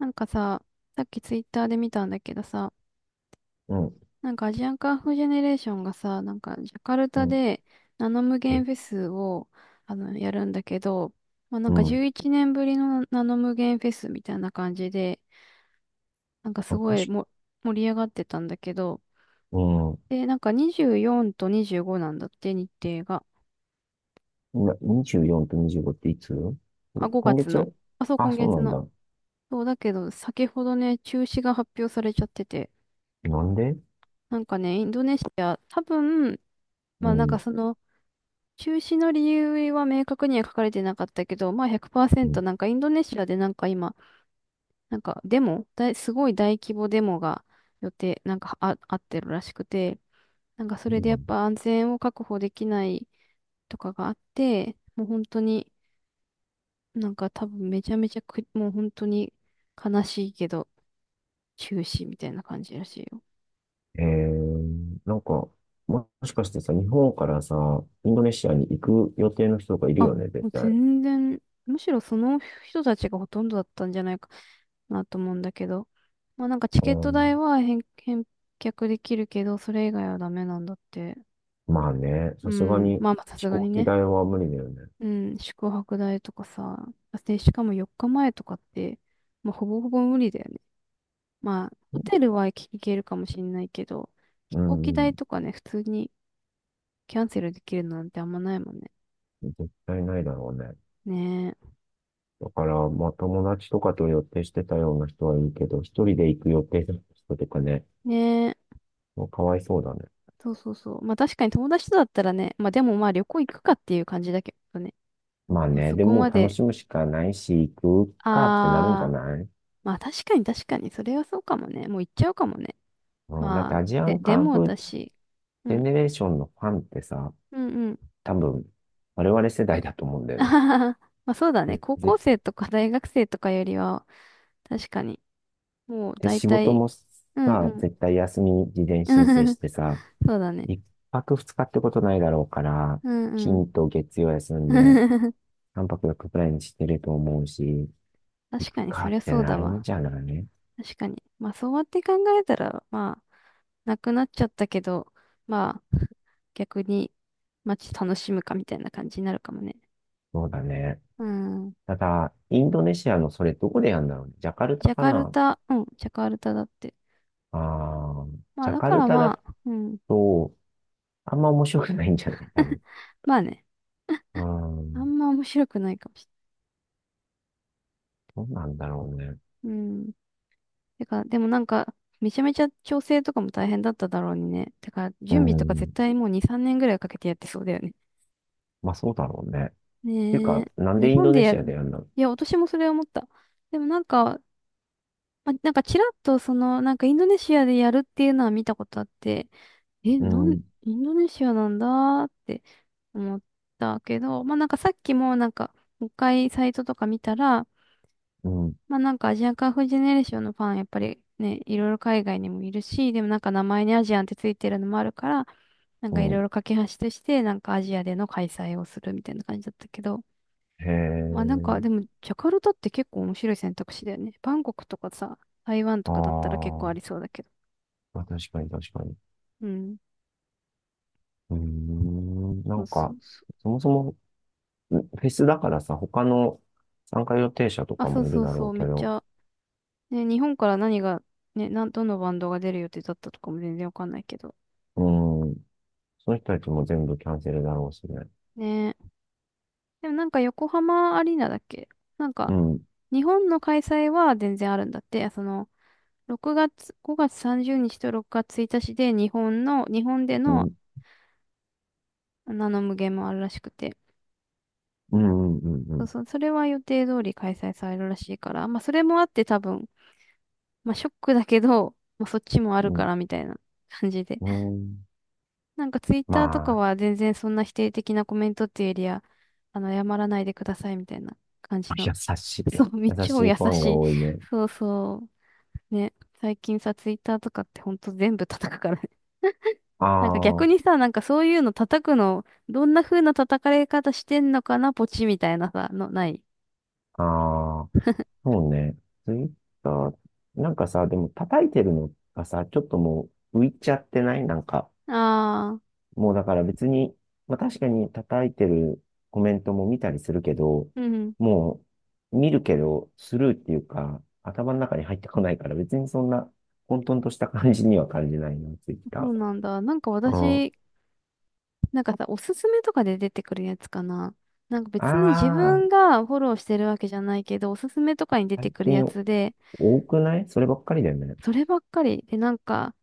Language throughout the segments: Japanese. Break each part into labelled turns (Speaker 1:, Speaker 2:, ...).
Speaker 1: なんかさ、さっきツイッターで見たんだけどさ、
Speaker 2: うん、
Speaker 1: なんかアジアンカンフージェネレーションがさ、なんかジャカル
Speaker 2: う
Speaker 1: タ
Speaker 2: ん、
Speaker 1: でナノ無限
Speaker 2: え、
Speaker 1: フェスをやるんだけど、まあ、な
Speaker 2: う
Speaker 1: んか
Speaker 2: ん。
Speaker 1: 11年ぶりのナノ無限フェスみたいな感じで、なんか
Speaker 2: あ、
Speaker 1: すごい
Speaker 2: 確か、
Speaker 1: 盛り上がってたんだけど、
Speaker 2: うん。
Speaker 1: で、なんか24と25なんだって、日程が。
Speaker 2: 今、24と25っていつ？
Speaker 1: あ、
Speaker 2: こ
Speaker 1: 5
Speaker 2: 今
Speaker 1: 月の。
Speaker 2: 月
Speaker 1: あ、そう、
Speaker 2: あ、
Speaker 1: 今
Speaker 2: そ
Speaker 1: 月
Speaker 2: うなん
Speaker 1: の。
Speaker 2: だ。
Speaker 1: そうだけど、先ほどね、中止が発表されちゃってて、
Speaker 2: なんで？
Speaker 1: なんかね、インドネシア、多分、
Speaker 2: う
Speaker 1: まあなん
Speaker 2: ん、
Speaker 1: かその、中止の理由は明確には書かれてなかったけど、まあ
Speaker 2: うん、
Speaker 1: 100%なんかインドネシアでなんか今、なんかデモ、すごい大規模デモが予定、なんかあってるらしくて、なんかそ
Speaker 2: そ
Speaker 1: れ
Speaker 2: う
Speaker 1: で
Speaker 2: な
Speaker 1: やっ
Speaker 2: んだ。
Speaker 1: ぱ安全を確保できないとかがあって、もう本当になんか多分めちゃめちゃく、もう本当に悲しいけど中止みたいな感じらしいよ。
Speaker 2: なんか、もしかしてさ、日本からさ、インドネシアに行く予定の人がいる
Speaker 1: あ、
Speaker 2: よね、
Speaker 1: も
Speaker 2: 絶
Speaker 1: う
Speaker 2: 対。
Speaker 1: 全然、むしろその人たちがほとんどだったんじゃないかなと思うんだけど。まあなんかチ
Speaker 2: う
Speaker 1: ケット代
Speaker 2: ん、
Speaker 1: は返却できるけど、それ以外はダメなんだって。
Speaker 2: まあね、
Speaker 1: う
Speaker 2: さすが
Speaker 1: ん。
Speaker 2: に
Speaker 1: まあまあさ
Speaker 2: 飛
Speaker 1: すが
Speaker 2: 行
Speaker 1: に
Speaker 2: 機
Speaker 1: ね。
Speaker 2: 代は無理だよね。
Speaker 1: うん。宿泊代とかさ。で、しかも4日前とかって、まあほぼほぼ無理だよね。まあ、ホテルは行けるかもしんないけど、飛
Speaker 2: う
Speaker 1: 行機代
Speaker 2: ん、
Speaker 1: とかね、普通にキャンセルできるなんてあんまないもんね。
Speaker 2: 絶対ないだろうね。
Speaker 1: ね
Speaker 2: だから、まあ、友達とかと予定してたような人はいいけど、一人で行く予定だった人とかね、
Speaker 1: え。ねえ。
Speaker 2: もうかわいそうだね。
Speaker 1: そうそうそう。まあ確かに友達とだったらね、まあでもまあ旅行行くかっていう感じだけどね。
Speaker 2: まあ
Speaker 1: まあ
Speaker 2: ね、
Speaker 1: そ
Speaker 2: で
Speaker 1: こ
Speaker 2: も
Speaker 1: ま
Speaker 2: 楽
Speaker 1: で、
Speaker 2: しむしかないし、行くかってなるんじゃ
Speaker 1: あー、
Speaker 2: ない？
Speaker 1: まあ確かに確かに、それはそうかもね。もう行っちゃうかもね。
Speaker 2: うん、だって
Speaker 1: まあ、
Speaker 2: アジアン
Speaker 1: で
Speaker 2: カン
Speaker 1: も
Speaker 2: フー
Speaker 1: だ
Speaker 2: ジ
Speaker 1: し、う
Speaker 2: ェ
Speaker 1: ん、
Speaker 2: ネレーションのファンってさ、
Speaker 1: うんうん。
Speaker 2: 多分、我々世代だと思うんだ よ
Speaker 1: あ
Speaker 2: ね。
Speaker 1: はははまあそうだね。高校
Speaker 2: で、
Speaker 1: 生とか大学生とかよりは、確かに、もう
Speaker 2: で
Speaker 1: 大
Speaker 2: 仕事
Speaker 1: 体、
Speaker 2: も
Speaker 1: うんう
Speaker 2: さ、
Speaker 1: ん。
Speaker 2: 絶対休み事前申請し てさ、
Speaker 1: そうだね。
Speaker 2: 一泊二日ってことないだろうから、
Speaker 1: うんうん。
Speaker 2: 金と月曜休んで、三泊四日くらいにしてると思うし、行
Speaker 1: 確
Speaker 2: く
Speaker 1: かに、そ
Speaker 2: か
Speaker 1: り
Speaker 2: っ
Speaker 1: ゃ
Speaker 2: て
Speaker 1: そう
Speaker 2: な
Speaker 1: だ
Speaker 2: るん
Speaker 1: わ。
Speaker 2: じゃない？
Speaker 1: 確かに。まあそうやって考えたら、まあ、なくなっちゃったけど、まあ、逆に街楽しむかみたいな感じになるかもね。
Speaker 2: そうだね。
Speaker 1: うん。
Speaker 2: ただ、インドネシアのそれどこでやるんだろうね。ジャカルタ
Speaker 1: ジャ
Speaker 2: か
Speaker 1: カル
Speaker 2: な？
Speaker 1: タ、うん、ジャカルタだって。
Speaker 2: ああー、
Speaker 1: まあ
Speaker 2: ジャ
Speaker 1: だ
Speaker 2: カ
Speaker 1: か
Speaker 2: ル
Speaker 1: ら
Speaker 2: タだ
Speaker 1: まあ、うん。
Speaker 2: と、あんま面白くないんじゃない？多分。
Speaker 1: まあね、
Speaker 2: うー
Speaker 1: あ
Speaker 2: ん。
Speaker 1: んま面白くないかもし
Speaker 2: どうなんだろうね。
Speaker 1: れない。うん。てか、でもなんか、めちゃめちゃ調整とかも大変だっただろうにね。てか、
Speaker 2: うー
Speaker 1: 準備とか絶
Speaker 2: ん。
Speaker 1: 対もう2、3年ぐらいかけてやってそうだよね。
Speaker 2: まあそうだろうね。っていう
Speaker 1: ねえ。
Speaker 2: か、なんで
Speaker 1: 日
Speaker 2: イン
Speaker 1: 本
Speaker 2: ド
Speaker 1: で
Speaker 2: ネ
Speaker 1: や
Speaker 2: シアで
Speaker 1: る。
Speaker 2: やるの？
Speaker 1: いや、私もそれ思った。でもなんか、まあ、なんかちらっとその、なんかインドネシアでやるっていうのは見たことあって、え、
Speaker 2: うん、
Speaker 1: インドネシアなんだって思ったけど、まあなんかさっきもなんか、もう一回サイトとか見たら、
Speaker 2: うん、
Speaker 1: まあなんかアジアンカンフージェネレーションのファン、やっぱりね、いろいろ海外にもいるし、でもなんか名前にアジアンってついてるのもあるから、なん
Speaker 2: う
Speaker 1: かいろい
Speaker 2: ん。
Speaker 1: ろ架け橋として、なんかアジアでの開催をするみたいな感じだったけど、
Speaker 2: へ
Speaker 1: まあなんか、で
Speaker 2: え。
Speaker 1: も、ジャカルタって結構面白い選択肢だよね。バンコクとかさ、台湾と
Speaker 2: あ
Speaker 1: かだったら結構
Speaker 2: ー、
Speaker 1: ありそうだけど。
Speaker 2: まあ、確かに確かに。
Speaker 1: うん。
Speaker 2: うーん。な
Speaker 1: そ
Speaker 2: ん
Speaker 1: うそう
Speaker 2: か、
Speaker 1: そう。
Speaker 2: そもそもフェスだからさ、他の参加予定者と
Speaker 1: あ、
Speaker 2: か
Speaker 1: そう
Speaker 2: もいる
Speaker 1: そう
Speaker 2: だろ
Speaker 1: そう。
Speaker 2: う
Speaker 1: め
Speaker 2: け
Speaker 1: っち
Speaker 2: ど、
Speaker 1: ゃ、ね、日本から何が、ね、どのバンドが出る予定だったとかも全然わかんないけど。
Speaker 2: うん、その人たちも全部キャンセルだろうしね。
Speaker 1: ね。でもなんか横浜アリーナだっけなん
Speaker 2: う
Speaker 1: か、
Speaker 2: ん、
Speaker 1: 日本の開催は全然あるんだって。その、6月、5月30日と6月1日で日本で
Speaker 2: う
Speaker 1: の
Speaker 2: ん、
Speaker 1: ナノ無限もあるらしくて。
Speaker 2: うん、うん、う
Speaker 1: そう
Speaker 2: ん、
Speaker 1: そう、それは予定通り開催されるらしいから、まあそれもあって多分、まあショックだけど、まあそっちもある
Speaker 2: う
Speaker 1: か
Speaker 2: ん、
Speaker 1: らみたいな感じで。
Speaker 2: う んうん、
Speaker 1: なんかツイッ
Speaker 2: ま
Speaker 1: ターとか
Speaker 2: あ、
Speaker 1: は全然そんな否定的なコメントっていうよりは、あの、謝らないでくださいみたいな感じの。
Speaker 2: 優しい、
Speaker 1: そう、
Speaker 2: 優
Speaker 1: 超
Speaker 2: しい
Speaker 1: 優
Speaker 2: ファン
Speaker 1: し
Speaker 2: が
Speaker 1: い。
Speaker 2: 多いね。
Speaker 1: そうそう。ね。最近さ、ツイッターとかってほんと全部叩くからね。なんか
Speaker 2: あ
Speaker 1: 逆にさ、なんかそういうの叩くの、どんな風な叩かれ方してんのかな、ポチみたいなさ、の、ない。
Speaker 2: あ、ああ、そうね。ツイッター、なんかさ、でも叩いてるのがさ、ちょっともう浮いちゃってないなんか、
Speaker 1: ああ、
Speaker 2: もうだから別に、まあ確かに叩いてるコメントも見たりするけど、
Speaker 1: うん
Speaker 2: もう見るけどスルーっていうか、頭の中に入ってこないから別にそんな混沌とした感じには感じないな、ツイッ
Speaker 1: そ
Speaker 2: タ
Speaker 1: うなんだ。なんか
Speaker 2: ー。うん。
Speaker 1: 私、なんかさ、おすすめとかで出てくるやつかな。なんか別に自
Speaker 2: あ
Speaker 1: 分
Speaker 2: あ、
Speaker 1: がフォローしてるわけじゃないけど、おすすめとかに出て
Speaker 2: 最
Speaker 1: くるや
Speaker 2: 近
Speaker 1: つで、
Speaker 2: 多くない？そればっかりだよね。
Speaker 1: そればっかり。で、なんか、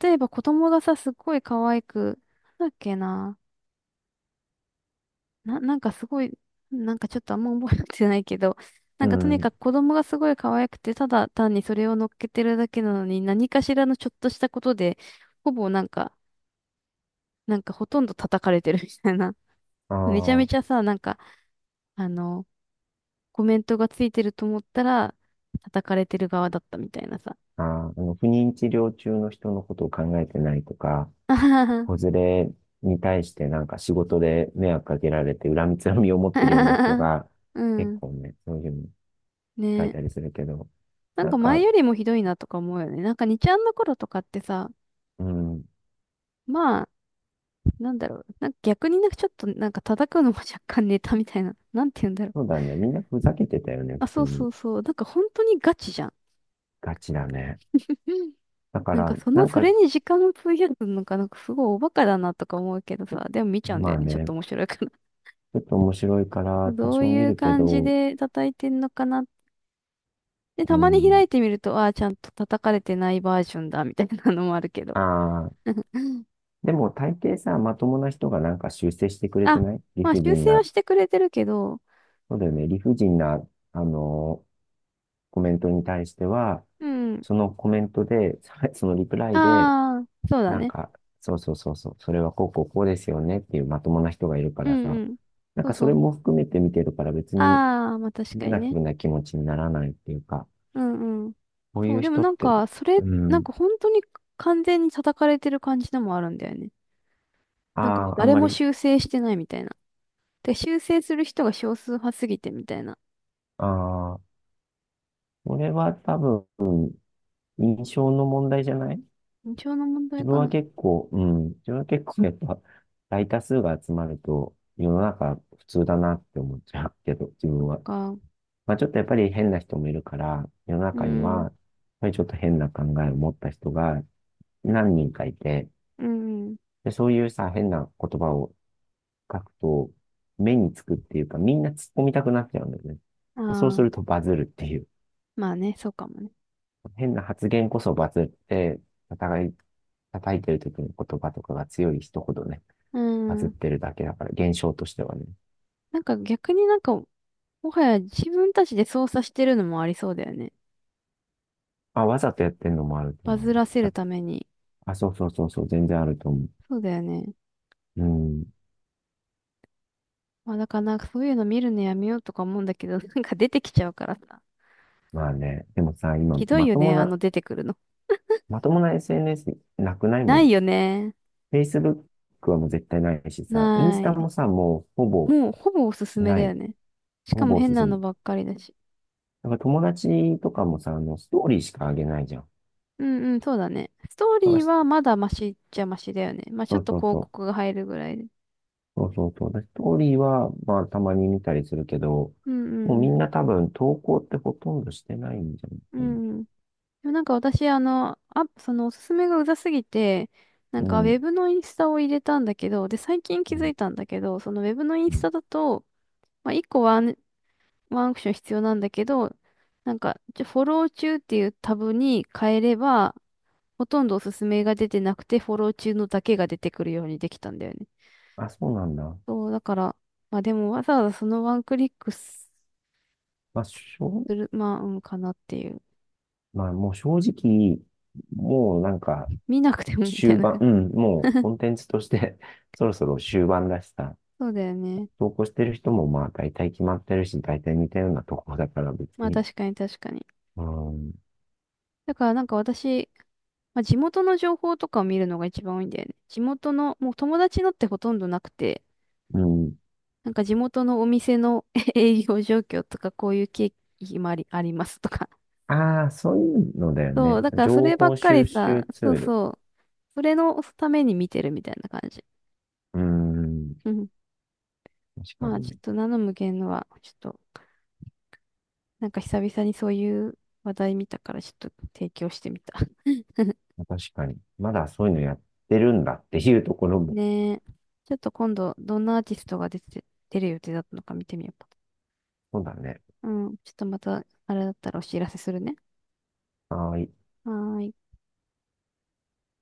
Speaker 1: 例えば子供がさ、すっごい可愛く、なんだっけな。なんかすごい、なんかちょっとあんま覚えてないけど、な
Speaker 2: う
Speaker 1: んかとに
Speaker 2: ん。
Speaker 1: かく子供がすごい可愛くて、ただ単にそれを乗っけてるだけなのに、何かしらのちょっとしたことで、ほぼなんか、なんかほとんど叩かれてるみたいな。
Speaker 2: あ
Speaker 1: めちゃめ
Speaker 2: ー
Speaker 1: ちゃさ、なんか、あの、コメントがついてると思ったら、叩かれてる側だったみたいなさ。
Speaker 2: あー、不妊治療中の人のことを考えてないとか、
Speaker 1: あ
Speaker 2: 子
Speaker 1: は
Speaker 2: 連れに対してなんか仕事で迷惑かけられて恨みつらみを持
Speaker 1: はは。
Speaker 2: ってるような人 が
Speaker 1: う
Speaker 2: 結
Speaker 1: ん。
Speaker 2: 構ね、そういうの書い
Speaker 1: ね。
Speaker 2: たりするけど、
Speaker 1: なん
Speaker 2: な
Speaker 1: か
Speaker 2: ん
Speaker 1: 前
Speaker 2: か、
Speaker 1: よりもひどいなとか思うよね。なんかにちゃんの頃とかってさ、
Speaker 2: うん、
Speaker 1: まあ、なんだろう。なんか逆になんかちょっとなんか叩くのも若干ネタみたいな。なんて言うんだろう。
Speaker 2: そうだね。みんなふざけてたよね、
Speaker 1: あ、
Speaker 2: 普通
Speaker 1: そうそ
Speaker 2: に。
Speaker 1: うそう。なんか本当にガチじゃん。
Speaker 2: ガチだね。
Speaker 1: うん
Speaker 2: だか
Speaker 1: なんか
Speaker 2: ら、
Speaker 1: そ
Speaker 2: な
Speaker 1: の、
Speaker 2: ん
Speaker 1: そ
Speaker 2: か、
Speaker 1: れに時間を費やすのか、なんかすごいおバカだなとか思うけどさ、でも見ちゃうん
Speaker 2: ま
Speaker 1: だよ
Speaker 2: あ
Speaker 1: ね。ちょっ
Speaker 2: ね、
Speaker 1: と面白いから。
Speaker 2: ちょっと面白いか ら多
Speaker 1: どう
Speaker 2: 少見
Speaker 1: いう
Speaker 2: るけ
Speaker 1: 感じ
Speaker 2: ど、
Speaker 1: で叩いてんのかなっで、
Speaker 2: う
Speaker 1: たまに
Speaker 2: ん、
Speaker 1: 開いてみると、ああ、ちゃんと叩かれてないバージョンだ、みたいなのもあるけど。
Speaker 2: ああ、でも大抵さ、まともな人がなんか修正してくれ
Speaker 1: あ、
Speaker 2: てない理
Speaker 1: まあ
Speaker 2: 不
Speaker 1: 修
Speaker 2: 尽
Speaker 1: 正は
Speaker 2: な。
Speaker 1: してくれてるけど、
Speaker 2: そうだよね。理不尽な、あのコメントに対しては、
Speaker 1: うん。
Speaker 2: そのコメントで、そのリプラ
Speaker 1: あ
Speaker 2: イで、
Speaker 1: あ、そうだ
Speaker 2: なん
Speaker 1: ね。
Speaker 2: か、そうそうそうそう、それはこうこうこうですよねっていうまともな人がいるか
Speaker 1: う
Speaker 2: ら
Speaker 1: ん
Speaker 2: さ、
Speaker 1: うん。
Speaker 2: なん
Speaker 1: そう
Speaker 2: かそ
Speaker 1: そ
Speaker 2: れ
Speaker 1: う。
Speaker 2: も含めて見てるから別に
Speaker 1: ああ、まあ確か
Speaker 2: ネ
Speaker 1: に
Speaker 2: ガティ
Speaker 1: ね。
Speaker 2: ブな気持ちにならないっていうか、
Speaker 1: うんうん。
Speaker 2: こうい
Speaker 1: そう、
Speaker 2: う
Speaker 1: でも
Speaker 2: 人っ
Speaker 1: なん
Speaker 2: て、
Speaker 1: か、それ、
Speaker 2: う
Speaker 1: なん
Speaker 2: ん、
Speaker 1: か本当に完全に叩かれてる感じのもあるんだよね。
Speaker 2: あ
Speaker 1: なんかもう
Speaker 2: あ、あん
Speaker 1: 誰
Speaker 2: ま
Speaker 1: も
Speaker 2: り、
Speaker 1: 修正してないみたいな。で、修正する人が少数派すぎてみたいな。
Speaker 2: ああ、これは多分印象の問題じゃない？
Speaker 1: 印象の問題
Speaker 2: 自分
Speaker 1: か
Speaker 2: は
Speaker 1: な。
Speaker 2: 結構、うん、自分は結構やっぱ大多数が集まると世の中普通だなって思っちゃうけど、自
Speaker 1: そっ
Speaker 2: 分は。
Speaker 1: か。
Speaker 2: まあちょっとやっぱり変な人もいるから、世の
Speaker 1: う
Speaker 2: 中には、
Speaker 1: ん。
Speaker 2: やっぱりちょっと変な考えを持った人が何人かいて、
Speaker 1: うんうん。
Speaker 2: で、そういうさ、変な言葉を書くと、目につくっていうか、みんな突っ込みたくなっちゃうんだよね。でそうす
Speaker 1: ああ、
Speaker 2: るとバズるっていう。
Speaker 1: まあね、そうかもね。
Speaker 2: 変な発言こそバズって、お互い、叩いてる時の言葉とかが強い人ほどね。
Speaker 1: う
Speaker 2: バズっ
Speaker 1: ん。
Speaker 2: てるだけだから、現象としてはね。
Speaker 1: なんか逆になんか、もはや自分たちで操作してるのもありそうだよね。
Speaker 2: あ、わざとやってんのもあると
Speaker 1: バ
Speaker 2: 思う
Speaker 1: ズ
Speaker 2: よ。
Speaker 1: らせる
Speaker 2: あ、
Speaker 1: ために。
Speaker 2: あそうそうそうそう、全然あると思
Speaker 1: そうだよね。
Speaker 2: う。うん。
Speaker 1: まあだからなんかそういうの見るのやめようとか思うんだけど、なんか出てきちゃうからさ。
Speaker 2: まあね。でもさ、今、
Speaker 1: ひどい
Speaker 2: ま
Speaker 1: よ
Speaker 2: とも
Speaker 1: ね、あの
Speaker 2: な、
Speaker 1: 出てくるの。
Speaker 2: まともな SNS なくないも
Speaker 1: ない
Speaker 2: ん。
Speaker 1: よね。
Speaker 2: Facebook はもう絶対ないしさ、インス
Speaker 1: な
Speaker 2: タ
Speaker 1: い。
Speaker 2: もさ、もうほぼ
Speaker 1: もうほぼおすすめ
Speaker 2: な
Speaker 1: だ
Speaker 2: い。
Speaker 1: よね。しか
Speaker 2: ほ
Speaker 1: も
Speaker 2: ぼ
Speaker 1: 変な
Speaker 2: 進
Speaker 1: の
Speaker 2: む。
Speaker 1: ばっかりだし。
Speaker 2: だから友達とかもさ、ストーリーしかあげないじゃん。
Speaker 1: うんうん、そうだね。ストーリ
Speaker 2: だから
Speaker 1: ー
Speaker 2: し
Speaker 1: はまだマシっちゃマシだよね。まあちょ
Speaker 2: そ
Speaker 1: っ
Speaker 2: う
Speaker 1: と
Speaker 2: そう
Speaker 1: 広
Speaker 2: そう。
Speaker 1: 告が入るぐらいで。
Speaker 2: そうそうそう。だからストーリーは、まあ、たまに見たりするけど、
Speaker 1: うんうん
Speaker 2: もうみ
Speaker 1: うん。
Speaker 2: んな多分投稿ってほとんどしてないんじゃない
Speaker 1: う
Speaker 2: かな。
Speaker 1: んうんでもなんか私、あの、あ、そのおすすめがうざすぎて、なん
Speaker 2: う
Speaker 1: かウ
Speaker 2: ん、
Speaker 1: ェブのインスタを入れたんだけど、で、最近
Speaker 2: う
Speaker 1: 気づ
Speaker 2: ん、
Speaker 1: いたんだけど、そのウェブのイン
Speaker 2: う
Speaker 1: ス
Speaker 2: ん。
Speaker 1: タだと、まあ、1個ワンアクション必要なんだけど、なんか、フォロー中っていうタブに変えれば、ほとんどおすすめが出てなくて、フォロー中のだけが出てくるようにできたんだよね。
Speaker 2: あ、そうなんだ。
Speaker 1: そう、だから、まあでもわざわざそのワンクリックす
Speaker 2: まあ、しょう、
Speaker 1: る、まあ、うんかなっていう。
Speaker 2: まあ、もう正直、もうなんか、
Speaker 1: 見なくてもみた
Speaker 2: 終
Speaker 1: いな
Speaker 2: 盤、
Speaker 1: 感
Speaker 2: う
Speaker 1: じ。
Speaker 2: ん、もうコンテンツとして そろそろ終盤だしさ、
Speaker 1: そうだよね。
Speaker 2: 投稿してる人もまあ、大体決まってるし、大体似たようなとこだから別
Speaker 1: まあ
Speaker 2: に。
Speaker 1: 確かに確かに。
Speaker 2: うん、
Speaker 1: だからなんか私、まあ、地元の情報とかを見るのが一番多いんだよね。地元の、もう友達のってほとんどなくて、
Speaker 2: うん。
Speaker 1: なんか地元のお店の 営業状況とか、こういう経緯もありますとか。
Speaker 2: ああ、そういうのだよ
Speaker 1: そ
Speaker 2: ね。
Speaker 1: う、だからそ
Speaker 2: 情
Speaker 1: ればっ
Speaker 2: 報
Speaker 1: かり
Speaker 2: 収集
Speaker 1: さ、
Speaker 2: ツ
Speaker 1: そう
Speaker 2: ール。
Speaker 1: そう、それのために見てるみたいな感じ。
Speaker 2: うん、
Speaker 1: うん。
Speaker 2: 確か
Speaker 1: まあ
Speaker 2: に
Speaker 1: ちょ
Speaker 2: ね。
Speaker 1: っとナノ無限のは、ちょっと、なんか久々にそういう話題見たから、ちょっと提供してみた。
Speaker 2: 確かに。まだそういうのやってるんだっていうところ も。
Speaker 1: ねえ。ちょっと今度、どんなアーティストが出る予定だったのか見てみようか。
Speaker 2: そうだね。
Speaker 1: うん。ちょっとまた、あれだったらお知らせするね。
Speaker 2: はい。
Speaker 1: はーい。